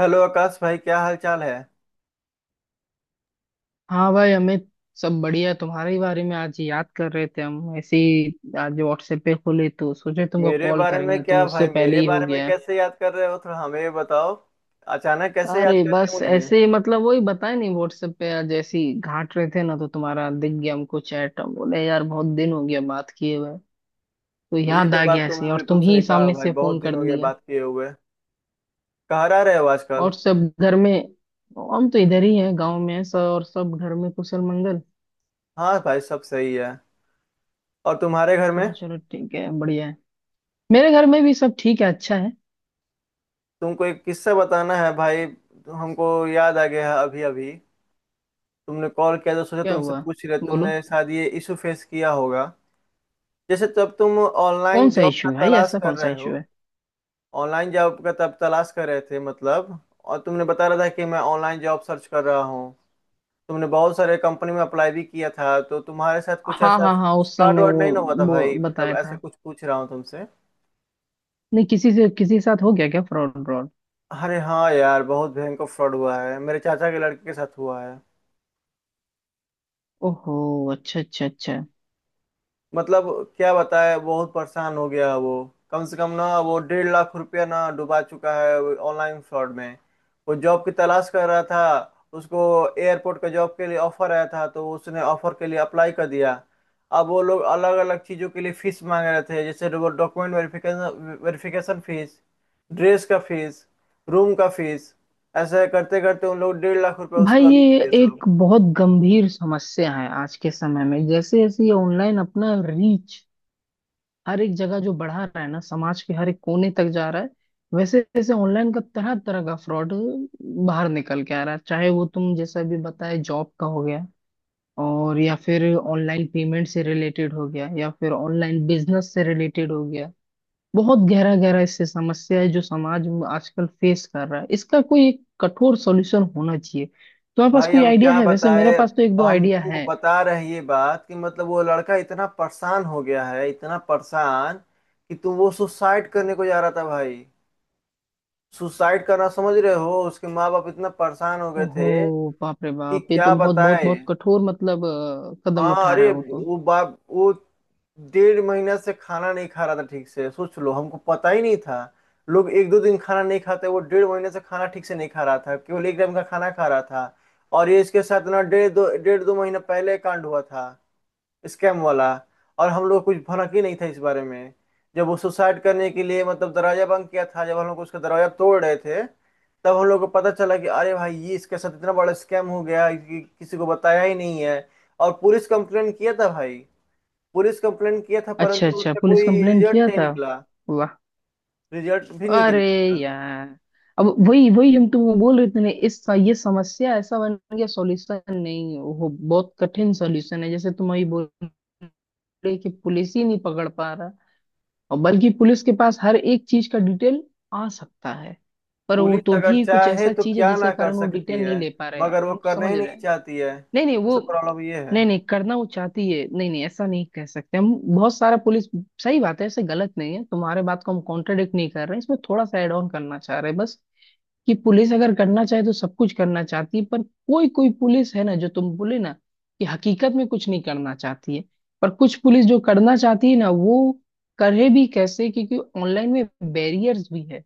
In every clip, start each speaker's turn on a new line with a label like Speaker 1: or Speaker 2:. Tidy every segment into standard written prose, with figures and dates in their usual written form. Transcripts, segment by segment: Speaker 1: Hello Akash भाई, क्या हाल चाल है।
Speaker 2: हाँ भाई अमित। सब बढ़िया। तुम्हारे ही बारे में आज याद कर रहे थे हम ऐसे ही। आज व्हाट्सएप पे खुले तो सोचे तुमको
Speaker 1: मेरे
Speaker 2: कॉल
Speaker 1: बारे में
Speaker 2: करेंगे, तुम
Speaker 1: क्या
Speaker 2: उससे
Speaker 1: भाई,
Speaker 2: पहले
Speaker 1: मेरे
Speaker 2: ही हो
Speaker 1: बारे में
Speaker 2: गया।
Speaker 1: कैसे याद कर रहे हो, थोड़ा हमें ये बताओ। अचानक कैसे
Speaker 2: अरे
Speaker 1: याद
Speaker 2: बस
Speaker 1: कर लिया।
Speaker 2: ऐसे ही, मतलब वही बताया नहीं, व्हाट्सएप पे आज ऐसे ही घाट रहे थे ना, तो तुम्हारा दिख गया हमको चैट। हम बोले यार बहुत दिन हो गया बात किए हुए, तो
Speaker 1: मुझे ये
Speaker 2: याद
Speaker 1: तो
Speaker 2: आ
Speaker 1: बात
Speaker 2: गया ऐसे
Speaker 1: तुमने
Speaker 2: और
Speaker 1: बिल्कुल
Speaker 2: तुम ही
Speaker 1: सही कहा
Speaker 2: सामने
Speaker 1: भाई,
Speaker 2: से फोन
Speaker 1: बहुत दिन
Speaker 2: कर
Speaker 1: हो गए
Speaker 2: लिया।
Speaker 1: बात किए हुए। कहाँ रह रहे हो आजकल।
Speaker 2: और सब घर में? हम तो इधर ही हैं, गांव में हैं सब, और सब घर में कुशल मंगल।
Speaker 1: हाँ भाई, सब सही है। और तुम्हारे घर में।
Speaker 2: चलो चलो ठीक है, बढ़िया है। मेरे घर में भी सब ठीक है, अच्छा है।
Speaker 1: तुमको एक किस्सा बताना है भाई, हमको याद आ गया है अभी अभी। तुमने कॉल किया तो सोचा
Speaker 2: क्या
Speaker 1: तुमसे
Speaker 2: हुआ?
Speaker 1: पूछ रहे,
Speaker 2: बोलो।
Speaker 1: तुमने शायद ये इशू फेस किया होगा, जैसे तब तुम
Speaker 2: कौन
Speaker 1: ऑनलाइन
Speaker 2: सा
Speaker 1: जॉब का
Speaker 2: इशू भाई,
Speaker 1: तलाश
Speaker 2: ऐसा
Speaker 1: कर
Speaker 2: कौन सा
Speaker 1: रहे हो।
Speaker 2: इशू है?
Speaker 1: ऑनलाइन जॉब का तब तलाश कर रहे थे मतलब, और तुमने बता रहा था कि मैं ऑनलाइन जॉब सर्च कर रहा हूँ। तुमने बहुत सारे कंपनी में अप्लाई भी किया था, तो तुम्हारे साथ कुछ
Speaker 2: हाँ
Speaker 1: ऐसा
Speaker 2: हाँ हाँ, उस
Speaker 1: फ्रॉड
Speaker 2: समय
Speaker 1: वर्ड
Speaker 2: वो
Speaker 1: नहीं ना हुआ था
Speaker 2: वो
Speaker 1: भाई, मतलब
Speaker 2: बताया
Speaker 1: ऐसा
Speaker 2: था।
Speaker 1: कुछ पूछ रहा हूँ तुमसे।
Speaker 2: नहीं, किसी से किसी के साथ हो गया क्या फ्रॉड व्रॉड?
Speaker 1: अरे हाँ यार, बहुत भयंकर फ्रॉड हुआ है, मेरे चाचा के लड़के के साथ हुआ है।
Speaker 2: ओहो। अच्छा अच्छा अच्छा।
Speaker 1: मतलब क्या बताए, बहुत परेशान हो गया वो। कम से कम ना वो 1.5 लाख रुपया ना डुबा चुका है ऑनलाइन फ्रॉड में। वो जॉब की तलाश कर रहा था। उसको एयरपोर्ट का जॉब के लिए ऑफर आया था, तो उसने ऑफर के लिए अप्लाई कर दिया। अब वो लोग अलग अलग चीज़ों के लिए फीस मांग रहे थे, जैसे document verification, verification fees, dress का फीस, रूम का फीस। ऐसे करते करते उन लोग 1.5 लाख रुपया
Speaker 2: भाई
Speaker 1: उसका लूट
Speaker 2: ये
Speaker 1: लिया साहब।
Speaker 2: एक बहुत गंभीर समस्या है आज के समय में। जैसे जैसे ये ऑनलाइन अपना रीच हर एक जगह जो बढ़ा रहा है ना, समाज के हर एक कोने तक जा रहा है, वैसे वैसे ऑनलाइन का तरह तरह का फ्रॉड बाहर निकल के आ रहा है। चाहे वो तुम जैसा भी बताए जॉब का हो गया, और या फिर ऑनलाइन पेमेंट से रिलेटेड हो गया, या फिर ऑनलाइन बिजनेस से रिलेटेड हो गया। बहुत गहरा गहरा इससे समस्या है जो समाज में आजकल फेस कर रहा है। इसका कोई एक कठोर सॉल्यूशन होना चाहिए। तुम्हारे पास
Speaker 1: भाई
Speaker 2: कोई
Speaker 1: अब
Speaker 2: आइडिया
Speaker 1: क्या
Speaker 2: है? वैसे मेरे
Speaker 1: बताए,
Speaker 2: पास
Speaker 1: अब
Speaker 2: तो एक दो
Speaker 1: हम
Speaker 2: आइडिया
Speaker 1: तुमको
Speaker 2: है।
Speaker 1: बता रहे हैं ये बात, कि मतलब वो लड़का इतना परेशान हो गया है, इतना परेशान कि तुम वो सुसाइड करने को जा रहा था भाई। सुसाइड करना, समझ रहे हो, उसके माँ बाप इतना परेशान हो गए
Speaker 2: ओहो।
Speaker 1: थे
Speaker 2: बाप रे
Speaker 1: कि
Speaker 2: बाप, ये तो
Speaker 1: क्या
Speaker 2: बहुत बहुत
Speaker 1: बताए।
Speaker 2: बहुत कठोर मतलब कदम
Speaker 1: हाँ
Speaker 2: उठा रहा
Speaker 1: अरे,
Speaker 2: है वो तो।
Speaker 1: वो 1.5 महीना से खाना नहीं खा रहा था ठीक से, सोच लो हमको पता ही नहीं था। लोग एक दो दिन खाना नहीं खाते, वो 1.5 महीने से खाना ठीक से नहीं खा रहा था, केवल एक टाइम का खाना खा रहा था। और ये इसके साथ ना डेढ़ दो महीना पहले कांड हुआ था, स्कैम वाला। और हम लोग कुछ भनक ही नहीं था इस बारे में। जब वो सुसाइड करने के लिए मतलब दरवाजा बंद किया था, जब हम लोग उसका दरवाजा तोड़ रहे थे, तब हम लोग को पता चला कि अरे भाई ये इसके साथ इतना बड़ा स्कैम हो गया कि किसी को बताया ही नहीं है। और पुलिस कंप्लेंट किया था भाई, पुलिस कंप्लेंट किया था,
Speaker 2: अच्छा
Speaker 1: परंतु
Speaker 2: अच्छा,
Speaker 1: उसका
Speaker 2: पुलिस
Speaker 1: कोई
Speaker 2: कंप्लेन
Speaker 1: रिजल्ट
Speaker 2: किया
Speaker 1: नहीं
Speaker 2: था।
Speaker 1: निकला।
Speaker 2: वाह।
Speaker 1: रिजल्ट भी नहीं
Speaker 2: अरे
Speaker 1: निकला।
Speaker 2: यार, अब वही वही हम तुमको बोल रहे थे ना, इस ये समस्या ऐसा बन गया, सॉल्यूशन नहीं है, वो बहुत कठिन सॉल्यूशन है। जैसे तुम अभी बोल रहे कि पुलिस ही नहीं पकड़ पा रहा। और बल्कि पुलिस के पास हर एक चीज का डिटेल आ सकता है, पर वो
Speaker 1: पुलिस
Speaker 2: तो
Speaker 1: अगर
Speaker 2: भी कुछ
Speaker 1: चाहे
Speaker 2: ऐसा
Speaker 1: तो
Speaker 2: चीज है
Speaker 1: क्या
Speaker 2: जिसके
Speaker 1: ना कर
Speaker 2: कारण वो
Speaker 1: सकती
Speaker 2: डिटेल
Speaker 1: है,
Speaker 2: नहीं ले पा रहे हैं,
Speaker 1: मगर वो
Speaker 2: हम
Speaker 1: करना
Speaker 2: समझ
Speaker 1: ही
Speaker 2: रहे
Speaker 1: नहीं
Speaker 2: हैं।
Speaker 1: चाहती है,
Speaker 2: नहीं नहीं,
Speaker 1: सबसे
Speaker 2: वो
Speaker 1: प्रॉब्लम ये है।
Speaker 2: नहीं नहीं करना वो चाहती है, नहीं नहीं ऐसा नहीं कह सकते हम, बहुत सारा पुलिस सही बात है, ऐसे गलत नहीं है। तुम्हारे बात को हम कॉन्ट्रडिक्ट नहीं कर रहे हैं, इसमें थोड़ा सा एड ऑन करना चाह रहे हैं बस, कि पुलिस अगर करना चाहे तो सब कुछ करना चाहती है, पर कोई कोई पुलिस है ना, जो तुम बोले ना, कि हकीकत में कुछ नहीं करना चाहती है, पर कुछ पुलिस जो करना चाहती है ना, वो करे भी कैसे, क्योंकि ऑनलाइन में बैरियर्स भी है,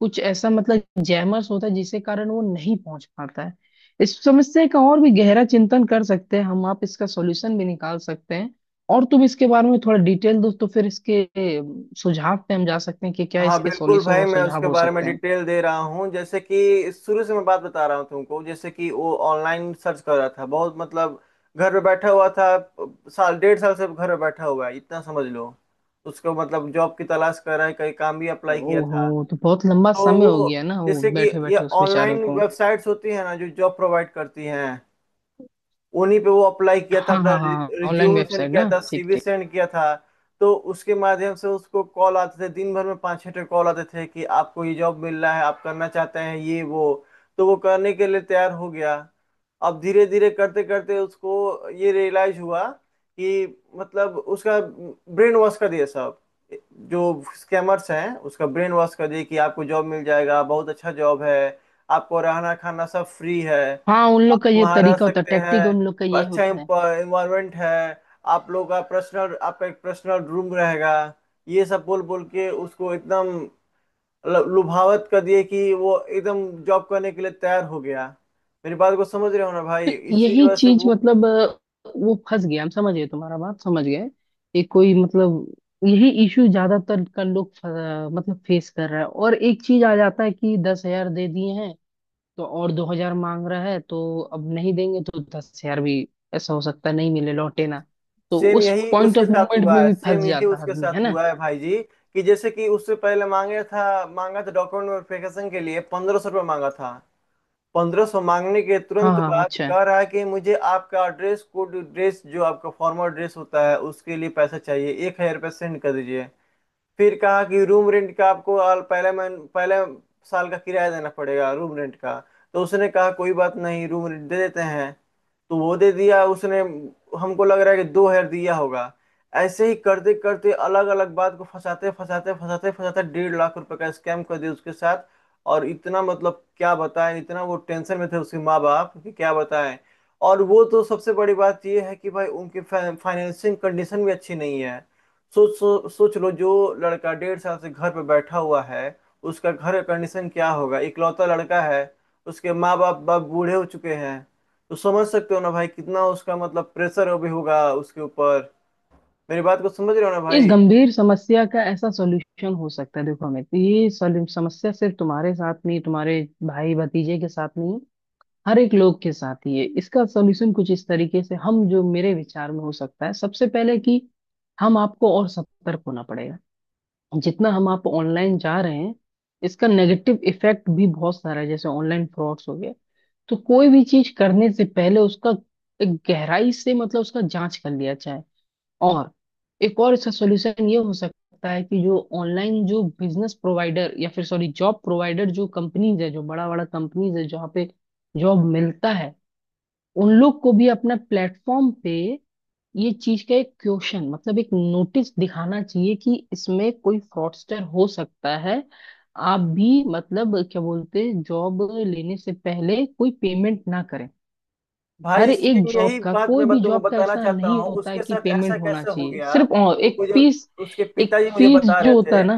Speaker 2: कुछ ऐसा मतलब जैमर्स होता है जिसके कारण वो नहीं पहुंच पाता है। इस समस्या का और भी गहरा चिंतन कर सकते हैं हम आप, इसका सॉल्यूशन भी निकाल सकते हैं। और तुम इसके बारे में थोड़ा डिटेल दो तो फिर इसके सुझाव पे हम जा सकते हैं कि क्या
Speaker 1: हाँ
Speaker 2: इसके
Speaker 1: बिल्कुल
Speaker 2: सॉल्यूशन
Speaker 1: भाई,
Speaker 2: और
Speaker 1: मैं
Speaker 2: सुझाव
Speaker 1: उसके
Speaker 2: हो
Speaker 1: बारे में
Speaker 2: सकते हैं।
Speaker 1: डिटेल दे रहा हूँ, जैसे कि शुरू से मैं बात बता रहा हूँ तुमको। जैसे कि वो ऑनलाइन सर्च कर रहा था, बहुत मतलब घर पे बैठा हुआ था, साल डेढ़ साल से घर पे बैठा हुआ है, इतना समझ लो। उसको मतलब जॉब की तलाश कर रहा है, कहीं काम भी अप्लाई किया था।
Speaker 2: ओहो, तो बहुत लंबा
Speaker 1: तो
Speaker 2: समय हो
Speaker 1: वो,
Speaker 2: गया ना वो
Speaker 1: जैसे कि
Speaker 2: बैठे
Speaker 1: ये
Speaker 2: बैठे उस बेचारे
Speaker 1: ऑनलाइन
Speaker 2: को।
Speaker 1: वेबसाइट्स होती है ना जो जॉब प्रोवाइड करती हैं, उन्हीं पे वो अप्लाई किया था,
Speaker 2: हाँ
Speaker 1: अपना
Speaker 2: हाँ हाँ, ऑनलाइन
Speaker 1: रिज्यूम सेंड
Speaker 2: वेबसाइट
Speaker 1: किया
Speaker 2: ना,
Speaker 1: था,
Speaker 2: ठीक
Speaker 1: सीवी
Speaker 2: ठीक।
Speaker 1: सेंड किया था। तो उसके माध्यम से उसको कॉल आते थे, दिन भर में 5-6 कॉल आते थे, कि आपको ये जॉब मिल रहा है, आप करना चाहते हैं ये वो। तो वो करने के लिए तैयार हो गया। अब धीरे धीरे करते करते उसको ये रियलाइज हुआ कि मतलब उसका ब्रेन वॉश कर दिया सब। जो स्कैमर्स हैं उसका ब्रेन वॉश कर दिया कि आपको जॉब मिल जाएगा, बहुत अच्छा जॉब है, आपको रहना खाना सब फ्री है,
Speaker 2: हाँ, उन लोग
Speaker 1: आप
Speaker 2: का ये
Speaker 1: वहाँ रह
Speaker 2: तरीका होता है,
Speaker 1: सकते
Speaker 2: टैक्टिक उन लोग का
Speaker 1: हैं,
Speaker 2: ये
Speaker 1: अच्छा
Speaker 2: होता है।
Speaker 1: इन्वायरमेंट है, आप लोग का पर्सनल, आपका एक पर्सनल रूम रहेगा। ये सब बोल बोल के उसको एकदम लुभावत कर दिए, कि वो एकदम जॉब करने के लिए तैयार हो गया। मेरी बात को समझ रहे हो ना भाई,
Speaker 2: तो
Speaker 1: इसी की
Speaker 2: यही
Speaker 1: वजह से
Speaker 2: चीज
Speaker 1: वो।
Speaker 2: मतलब वो फंस गया, हम समझ गए, तुम्हारा बात समझ गए। एक कोई मतलब यही इशू ज्यादातर का लोग मतलब फेस कर रहा है। और एक चीज आ जाता है कि 10 हजार दे दिए हैं, तो और 2 हजार मांग रहा है, तो अब नहीं देंगे तो 10 हजार भी ऐसा हो सकता है नहीं मिले लौटे ना, तो
Speaker 1: सेम
Speaker 2: उस
Speaker 1: यही
Speaker 2: पॉइंट
Speaker 1: उसके
Speaker 2: ऑफ
Speaker 1: साथ
Speaker 2: मोमेंट
Speaker 1: हुआ
Speaker 2: में
Speaker 1: है,
Speaker 2: भी फंस
Speaker 1: सेम यही
Speaker 2: जाता है
Speaker 1: उसके
Speaker 2: आदमी, है
Speaker 1: साथ
Speaker 2: ना?
Speaker 1: हुआ है भाई जी, कि जैसे कि उससे पहले मांगे था, मांगा था डॉक्यूमेंट वेरिफिकेशन के लिए 1,500 रुपये मांगा था। 1,500 मांगने के
Speaker 2: हाँ
Speaker 1: तुरंत
Speaker 2: हाँ,
Speaker 1: बाद
Speaker 2: अच्छा है।
Speaker 1: कह रहा है कि मुझे आपका ड्रेस कोड, ड्रेस जो आपका फॉर्मल ड्रेस होता है, उसके लिए पैसा चाहिए, 1,000 रुपये सेंड कर दीजिए। फिर कहा कि रूम रेंट का आपको आल पहले मन पहले साल का किराया देना पड़ेगा रूम रेंट का। तो उसने कहा कोई बात नहीं रूम रेंट दे देते हैं, तो वो दे दिया उसने। हमको लग रहा है कि 2,000 दिया होगा। ऐसे ही करते करते अलग अलग बात को फंसाते फंसाते फंसाते फंसाते 1.5 लाख रुपए का स्कैम कर दिया उसके साथ। और इतना मतलब क्या बताएं, इतना वो टेंशन में थे उसके माँ बाप कि क्या बताएं। और वो तो सबसे बड़ी बात ये है कि भाई उनकी फाइनेंसिंग कंडीशन भी अच्छी नहीं है। सोच लो, जो लड़का 1.5 साल से घर पे बैठा हुआ है, उसका घर का कंडीशन क्या होगा। इकलौता लड़का है, उसके माँ बाप, बाप बूढ़े हो चुके हैं। तो समझ सकते हो ना भाई कितना उसका मतलब प्रेशर अभी होगा उसके ऊपर। मेरी बात को समझ रहे हो ना
Speaker 2: इस
Speaker 1: भाई।
Speaker 2: गंभीर समस्या का ऐसा सॉल्यूशन हो सकता है, देखो अमित। ये समस्या सिर्फ तुम्हारे साथ नहीं, तुम्हारे भाई भतीजे के साथ नहीं, हर एक लोग के साथ ही है। इसका सॉल्यूशन कुछ इस तरीके से हम, जो मेरे विचार में हो सकता है, सबसे पहले कि हम आपको और सतर्क होना पड़ेगा। जितना हम आप ऑनलाइन जा रहे हैं, इसका नेगेटिव इफेक्ट भी बहुत सारा है, जैसे ऑनलाइन फ्रॉड्स हो गए। तो कोई भी चीज करने से पहले उसका एक गहराई से मतलब उसका जांच कर लिया जाए। और एक और इसका सॉल्यूशन ये हो सकता है कि जो ऑनलाइन जो बिजनेस प्रोवाइडर या फिर सॉरी जॉब प्रोवाइडर, जो कंपनीज है, जो बड़ा बड़ा कंपनीज है, जहाँ पे जॉब मिलता है, उन लोग को भी अपने प्लेटफॉर्म पे ये चीज का एक क्वेश्चन मतलब एक नोटिस दिखाना चाहिए कि इसमें कोई फ्रॉडस्टर हो सकता है। आप भी मतलब क्या बोलते, जॉब लेने से पहले कोई पेमेंट ना करें। हर
Speaker 1: भाई
Speaker 2: एक
Speaker 1: सेम
Speaker 2: जॉब
Speaker 1: यही
Speaker 2: का,
Speaker 1: बात
Speaker 2: कोई
Speaker 1: मैं
Speaker 2: भी
Speaker 1: तुमको
Speaker 2: जॉब का
Speaker 1: बताना
Speaker 2: ऐसा
Speaker 1: चाहता
Speaker 2: नहीं
Speaker 1: हूँ,
Speaker 2: होता है
Speaker 1: उसके
Speaker 2: कि
Speaker 1: साथ ऐसा
Speaker 2: पेमेंट होना
Speaker 1: कैसे हो
Speaker 2: चाहिए,
Speaker 1: गया
Speaker 2: सिर्फ
Speaker 1: तो
Speaker 2: एक
Speaker 1: मुझे
Speaker 2: फीस,
Speaker 1: उसके
Speaker 2: एक
Speaker 1: पिताजी मुझे
Speaker 2: फीस
Speaker 1: बता
Speaker 2: जो
Speaker 1: रहे
Speaker 2: होता
Speaker 1: थे।
Speaker 2: है ना।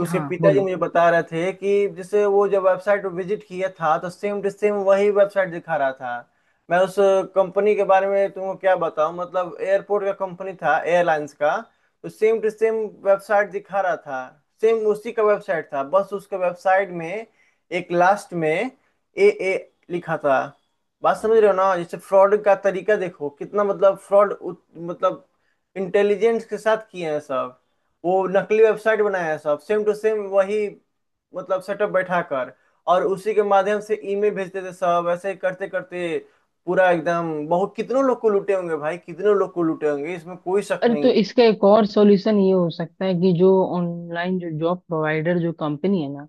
Speaker 1: उसके
Speaker 2: हाँ
Speaker 1: पिताजी
Speaker 2: बोलो।
Speaker 1: मुझे बता रहे थे कि जैसे वो जब वेबसाइट विजिट किया था, तो सेम टू सेम वही वेबसाइट दिखा रहा था। मैं उस कंपनी के बारे में तुमको क्या बताऊं, मतलब एयरपोर्ट का कंपनी था, एयरलाइंस का। तो सेम टू सेम वेबसाइट दिखा रहा था, सेम उसी का वेबसाइट था, बस उसके वेबसाइट में एक लास्ट में AA लिखा था। बात समझ रहे हो ना, जैसे फ्रॉड का तरीका देखो कितना मतलब फ्रॉड मतलब इंटेलिजेंस के साथ किए हैं सब। वो नकली वेबसाइट बनाया है सब सेम टू सेम वही, मतलब सेटअप बैठा कर, और उसी के माध्यम से ईमेल भेजते थे सब। ऐसे ही करते करते पूरा एकदम, बहुत कितनों लोग को लूटे होंगे भाई, कितनों लोग को लूटे होंगे, इसमें कोई शक
Speaker 2: अरे तो
Speaker 1: नहीं।
Speaker 2: इसका एक और सॉल्यूशन ये हो सकता है कि जो ऑनलाइन जो जॉब प्रोवाइडर जो कंपनी है ना,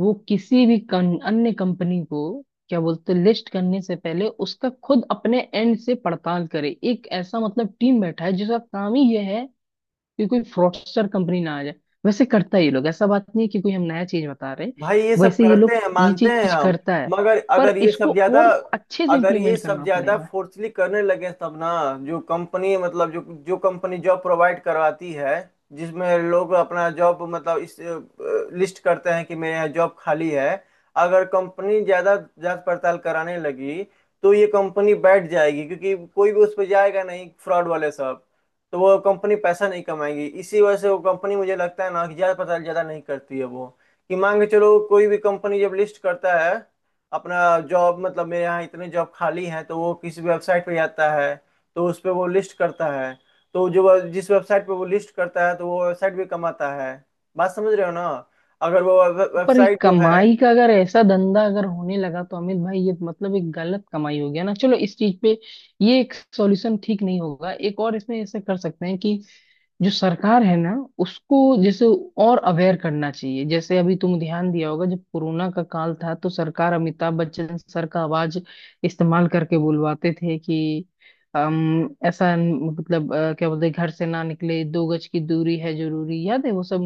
Speaker 2: वो किसी भी अन्य कंपनी को, क्या बोलते हैं, लिस्ट करने से पहले उसका खुद अपने एंड से पड़ताल करे। एक ऐसा मतलब टीम बैठा है जिसका काम ही यह है कि कोई फ्रॉडस्टर कंपनी ना आ जाए। वैसे करता है ये लोग, ऐसा बात नहीं है कि कोई हम नया चीज बता रहे हैं।
Speaker 1: भाई ये सब
Speaker 2: वैसे ये
Speaker 1: करते
Speaker 2: लोग
Speaker 1: हैं,
Speaker 2: ये
Speaker 1: मानते हैं
Speaker 2: चीज
Speaker 1: हम,
Speaker 2: करता है,
Speaker 1: मगर
Speaker 2: पर
Speaker 1: अगर ये
Speaker 2: इसको
Speaker 1: सब ज्यादा,
Speaker 2: और अच्छे से
Speaker 1: अगर ये
Speaker 2: इम्प्लीमेंट
Speaker 1: सब
Speaker 2: करना
Speaker 1: ज्यादा
Speaker 2: पड़ेगा।
Speaker 1: फोर्सली करने लगे तब ना, जो कंपनी मतलब जो, जो कंपनी जॉब प्रोवाइड करवाती है, जिसमें लोग अपना जॉब मतलब इस लिस्ट करते हैं कि मेरे यहाँ जॉब खाली है, अगर कंपनी ज्यादा जांच पड़ताल कराने लगी, तो ये कंपनी बैठ जाएगी, क्योंकि कोई भी उस पर जाएगा नहीं, फ्रॉड वाले सब। तो वो कंपनी पैसा नहीं कमाएगी, इसी वजह से वो कंपनी मुझे लगता है ना कि जांच पड़ताल ज्यादा नहीं करती है वो। कि मान के चलो कोई भी कंपनी जब लिस्ट करता है अपना जॉब, मतलब मेरे यहाँ इतने जॉब खाली हैं, तो वो किसी वेबसाइट पे जाता है, तो उस पे वो लिस्ट करता है। तो जिस वेबसाइट पे वो लिस्ट करता है तो वो वेबसाइट भी कमाता है। बात समझ रहे हो ना, अगर वो
Speaker 2: पर ये
Speaker 1: वेबसाइट जो है।
Speaker 2: कमाई का अगर ऐसा धंधा अगर होने लगा तो अमित भाई ये मतलब एक गलत कमाई हो गया ना। चलो, इस चीज पे ये एक सॉल्यूशन ठीक नहीं होगा। एक और इसमें ऐसा कर सकते हैं कि जो सरकार है ना, उसको जैसे और अवेयर करना चाहिए। जैसे अभी तुम ध्यान दिया होगा, जब कोरोना का काल था, तो सरकार अमिताभ बच्चन सर का आवाज इस्तेमाल करके बुलवाते थे कि ऐसा मतलब क्या बोलते हैं, घर से ना निकले, दो गज की दूरी है जरूरी, याद है? वो सब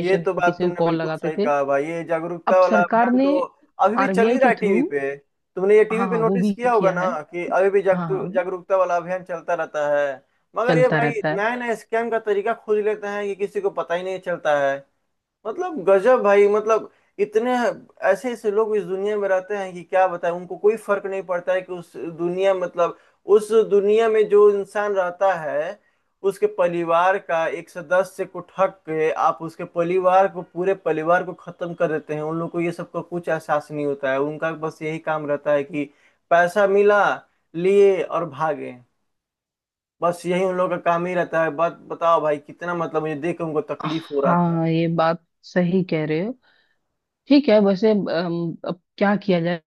Speaker 1: ये तो बात
Speaker 2: किसी को
Speaker 1: तुमने
Speaker 2: कॉल
Speaker 1: बिल्कुल
Speaker 2: लगाते
Speaker 1: सही
Speaker 2: थे।
Speaker 1: कहा भाई, ये
Speaker 2: अब
Speaker 1: जागरूकता वाला
Speaker 2: सरकार
Speaker 1: अभियान
Speaker 2: ने
Speaker 1: तो अभी भी चल ही
Speaker 2: आरबीआई
Speaker 1: रहा
Speaker 2: के
Speaker 1: है
Speaker 2: थ्रू।
Speaker 1: टीवी पे। तुमने ये टीवी
Speaker 2: हाँ
Speaker 1: पे
Speaker 2: हाँ, वो
Speaker 1: नोटिस
Speaker 2: भी
Speaker 1: किया होगा
Speaker 2: किया है।
Speaker 1: ना कि अभी भी
Speaker 2: हाँ हाँ,
Speaker 1: जागरूकता वाला अभियान चलता रहता है। मगर ये
Speaker 2: चलता
Speaker 1: भाई
Speaker 2: रहता
Speaker 1: नया
Speaker 2: है।
Speaker 1: नया स्कैम का तरीका खोज लेते हैं, ये किसी को पता ही नहीं चलता है। मतलब गजब भाई, मतलब इतने ऐसे ऐसे लोग इस दुनिया में रहते हैं कि क्या बताएं। उनको कोई फर्क नहीं पड़ता है कि उस दुनिया मतलब उस दुनिया में जो इंसान रहता है, उसके परिवार का एक सदस्य को ठग के आप उसके परिवार को, पूरे परिवार को खत्म कर देते हैं। उन लोग को ये सब का कुछ एहसास नहीं होता है, उनका बस यही काम रहता है कि पैसा मिला, लिए और भागे, बस यही उन लोगों का काम ही रहता है। बात बताओ भाई, कितना मतलब मुझे देख के उनको तकलीफ हो रहा था।
Speaker 2: हाँ, ये बात सही कह रहे हो। ठीक है, वैसे अब क्या किया जाए?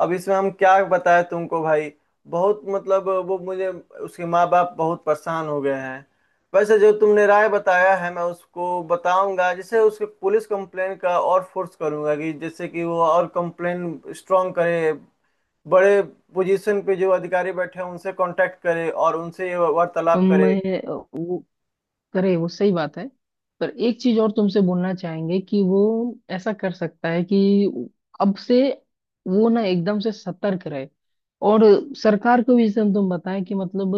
Speaker 1: अब इसमें हम क्या बताएं तुमको भाई, बहुत मतलब वो मुझे, उसके माँ बाप बहुत परेशान हो गए हैं। वैसे जो तुमने राय बताया है, मैं उसको बताऊंगा, जैसे उसके पुलिस कंप्लेन का और फोर्स करूंगा कि जैसे कि वो और कंप्लेन स्ट्रांग करे। बड़े पोजीशन पे जो अधिकारी बैठे हैं उनसे कांटेक्ट करे और उनसे ये वार्तालाप
Speaker 2: तुम
Speaker 1: करे।
Speaker 2: वो करे, वो सही बात है, पर एक चीज और तुमसे बोलना चाहेंगे कि वो ऐसा कर सकता है कि अब से वो ना एकदम से सतर्क रहे। और सरकार को भी तुम बताएं कि मतलब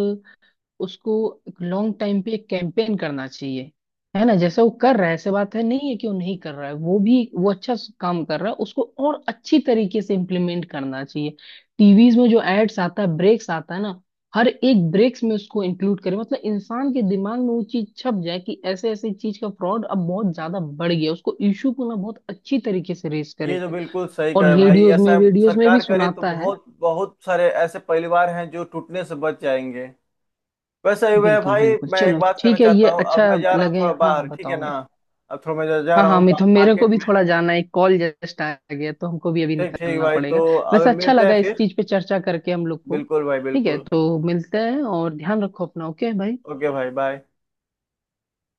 Speaker 2: उसको लॉन्ग टाइम पे एक कैंपेन करना चाहिए। है ना, जैसे वो कर रहा है, ऐसे बात है नहीं है कि वो नहीं कर रहा है, वो भी वो अच्छा काम कर रहा है, उसको और अच्छी तरीके से इम्प्लीमेंट करना चाहिए। टीवीज में जो एड्स आता है, ब्रेक्स आता है ना, हर एक ब्रेक्स में उसको इंक्लूड करें, मतलब इंसान के दिमाग में वो चीज छप जाए कि ऐसे ऐसे चीज का फ्रॉड अब बहुत ज्यादा बढ़ गया, उसको इशू को ना बहुत अच्छी तरीके से रेस
Speaker 1: ये
Speaker 2: करे।
Speaker 1: जो बिल्कुल सही
Speaker 2: और
Speaker 1: कहे भाई,
Speaker 2: रेडियोज में
Speaker 1: ऐसा
Speaker 2: वीडियोज में भी
Speaker 1: सरकार करे तो
Speaker 2: सुनाता है।
Speaker 1: बहुत बहुत सारे ऐसे परिवार हैं जो टूटने से बच जाएंगे। वैसे ही वह
Speaker 2: बिल्कुल
Speaker 1: भाई,
Speaker 2: बिल्कुल,
Speaker 1: मैं एक
Speaker 2: चलो
Speaker 1: बात कहना
Speaker 2: ठीक है,
Speaker 1: चाहता
Speaker 2: ये
Speaker 1: हूँ,
Speaker 2: अच्छा
Speaker 1: अब मैं जा रहा हूँ
Speaker 2: लगे।
Speaker 1: थोड़ा
Speaker 2: हाँ
Speaker 1: बाहर,
Speaker 2: हाँ,
Speaker 1: ठीक है
Speaker 2: बताओ
Speaker 1: ना।
Speaker 2: मेरे।
Speaker 1: अब थोड़ा मैं जा जा
Speaker 2: हाँ
Speaker 1: रहा
Speaker 2: हाँ
Speaker 1: हूँ बाहर
Speaker 2: मिथुन, मेरे को
Speaker 1: मार्केट
Speaker 2: भी
Speaker 1: में।
Speaker 2: थोड़ा जाना है, एक कॉल जस्ट आ गया, तो हमको भी अभी
Speaker 1: ठीक ठीक
Speaker 2: निकलना
Speaker 1: भाई, तो
Speaker 2: पड़ेगा।
Speaker 1: अब
Speaker 2: वैसे अच्छा
Speaker 1: मिलते हैं
Speaker 2: लगा इस
Speaker 1: फिर।
Speaker 2: चीज पे चर्चा करके हम लोग को।
Speaker 1: बिल्कुल भाई
Speaker 2: ठीक है,
Speaker 1: बिल्कुल।
Speaker 2: तो मिलते हैं, और ध्यान रखो अपना। ओके भाई।
Speaker 1: ओके भाई, बाय।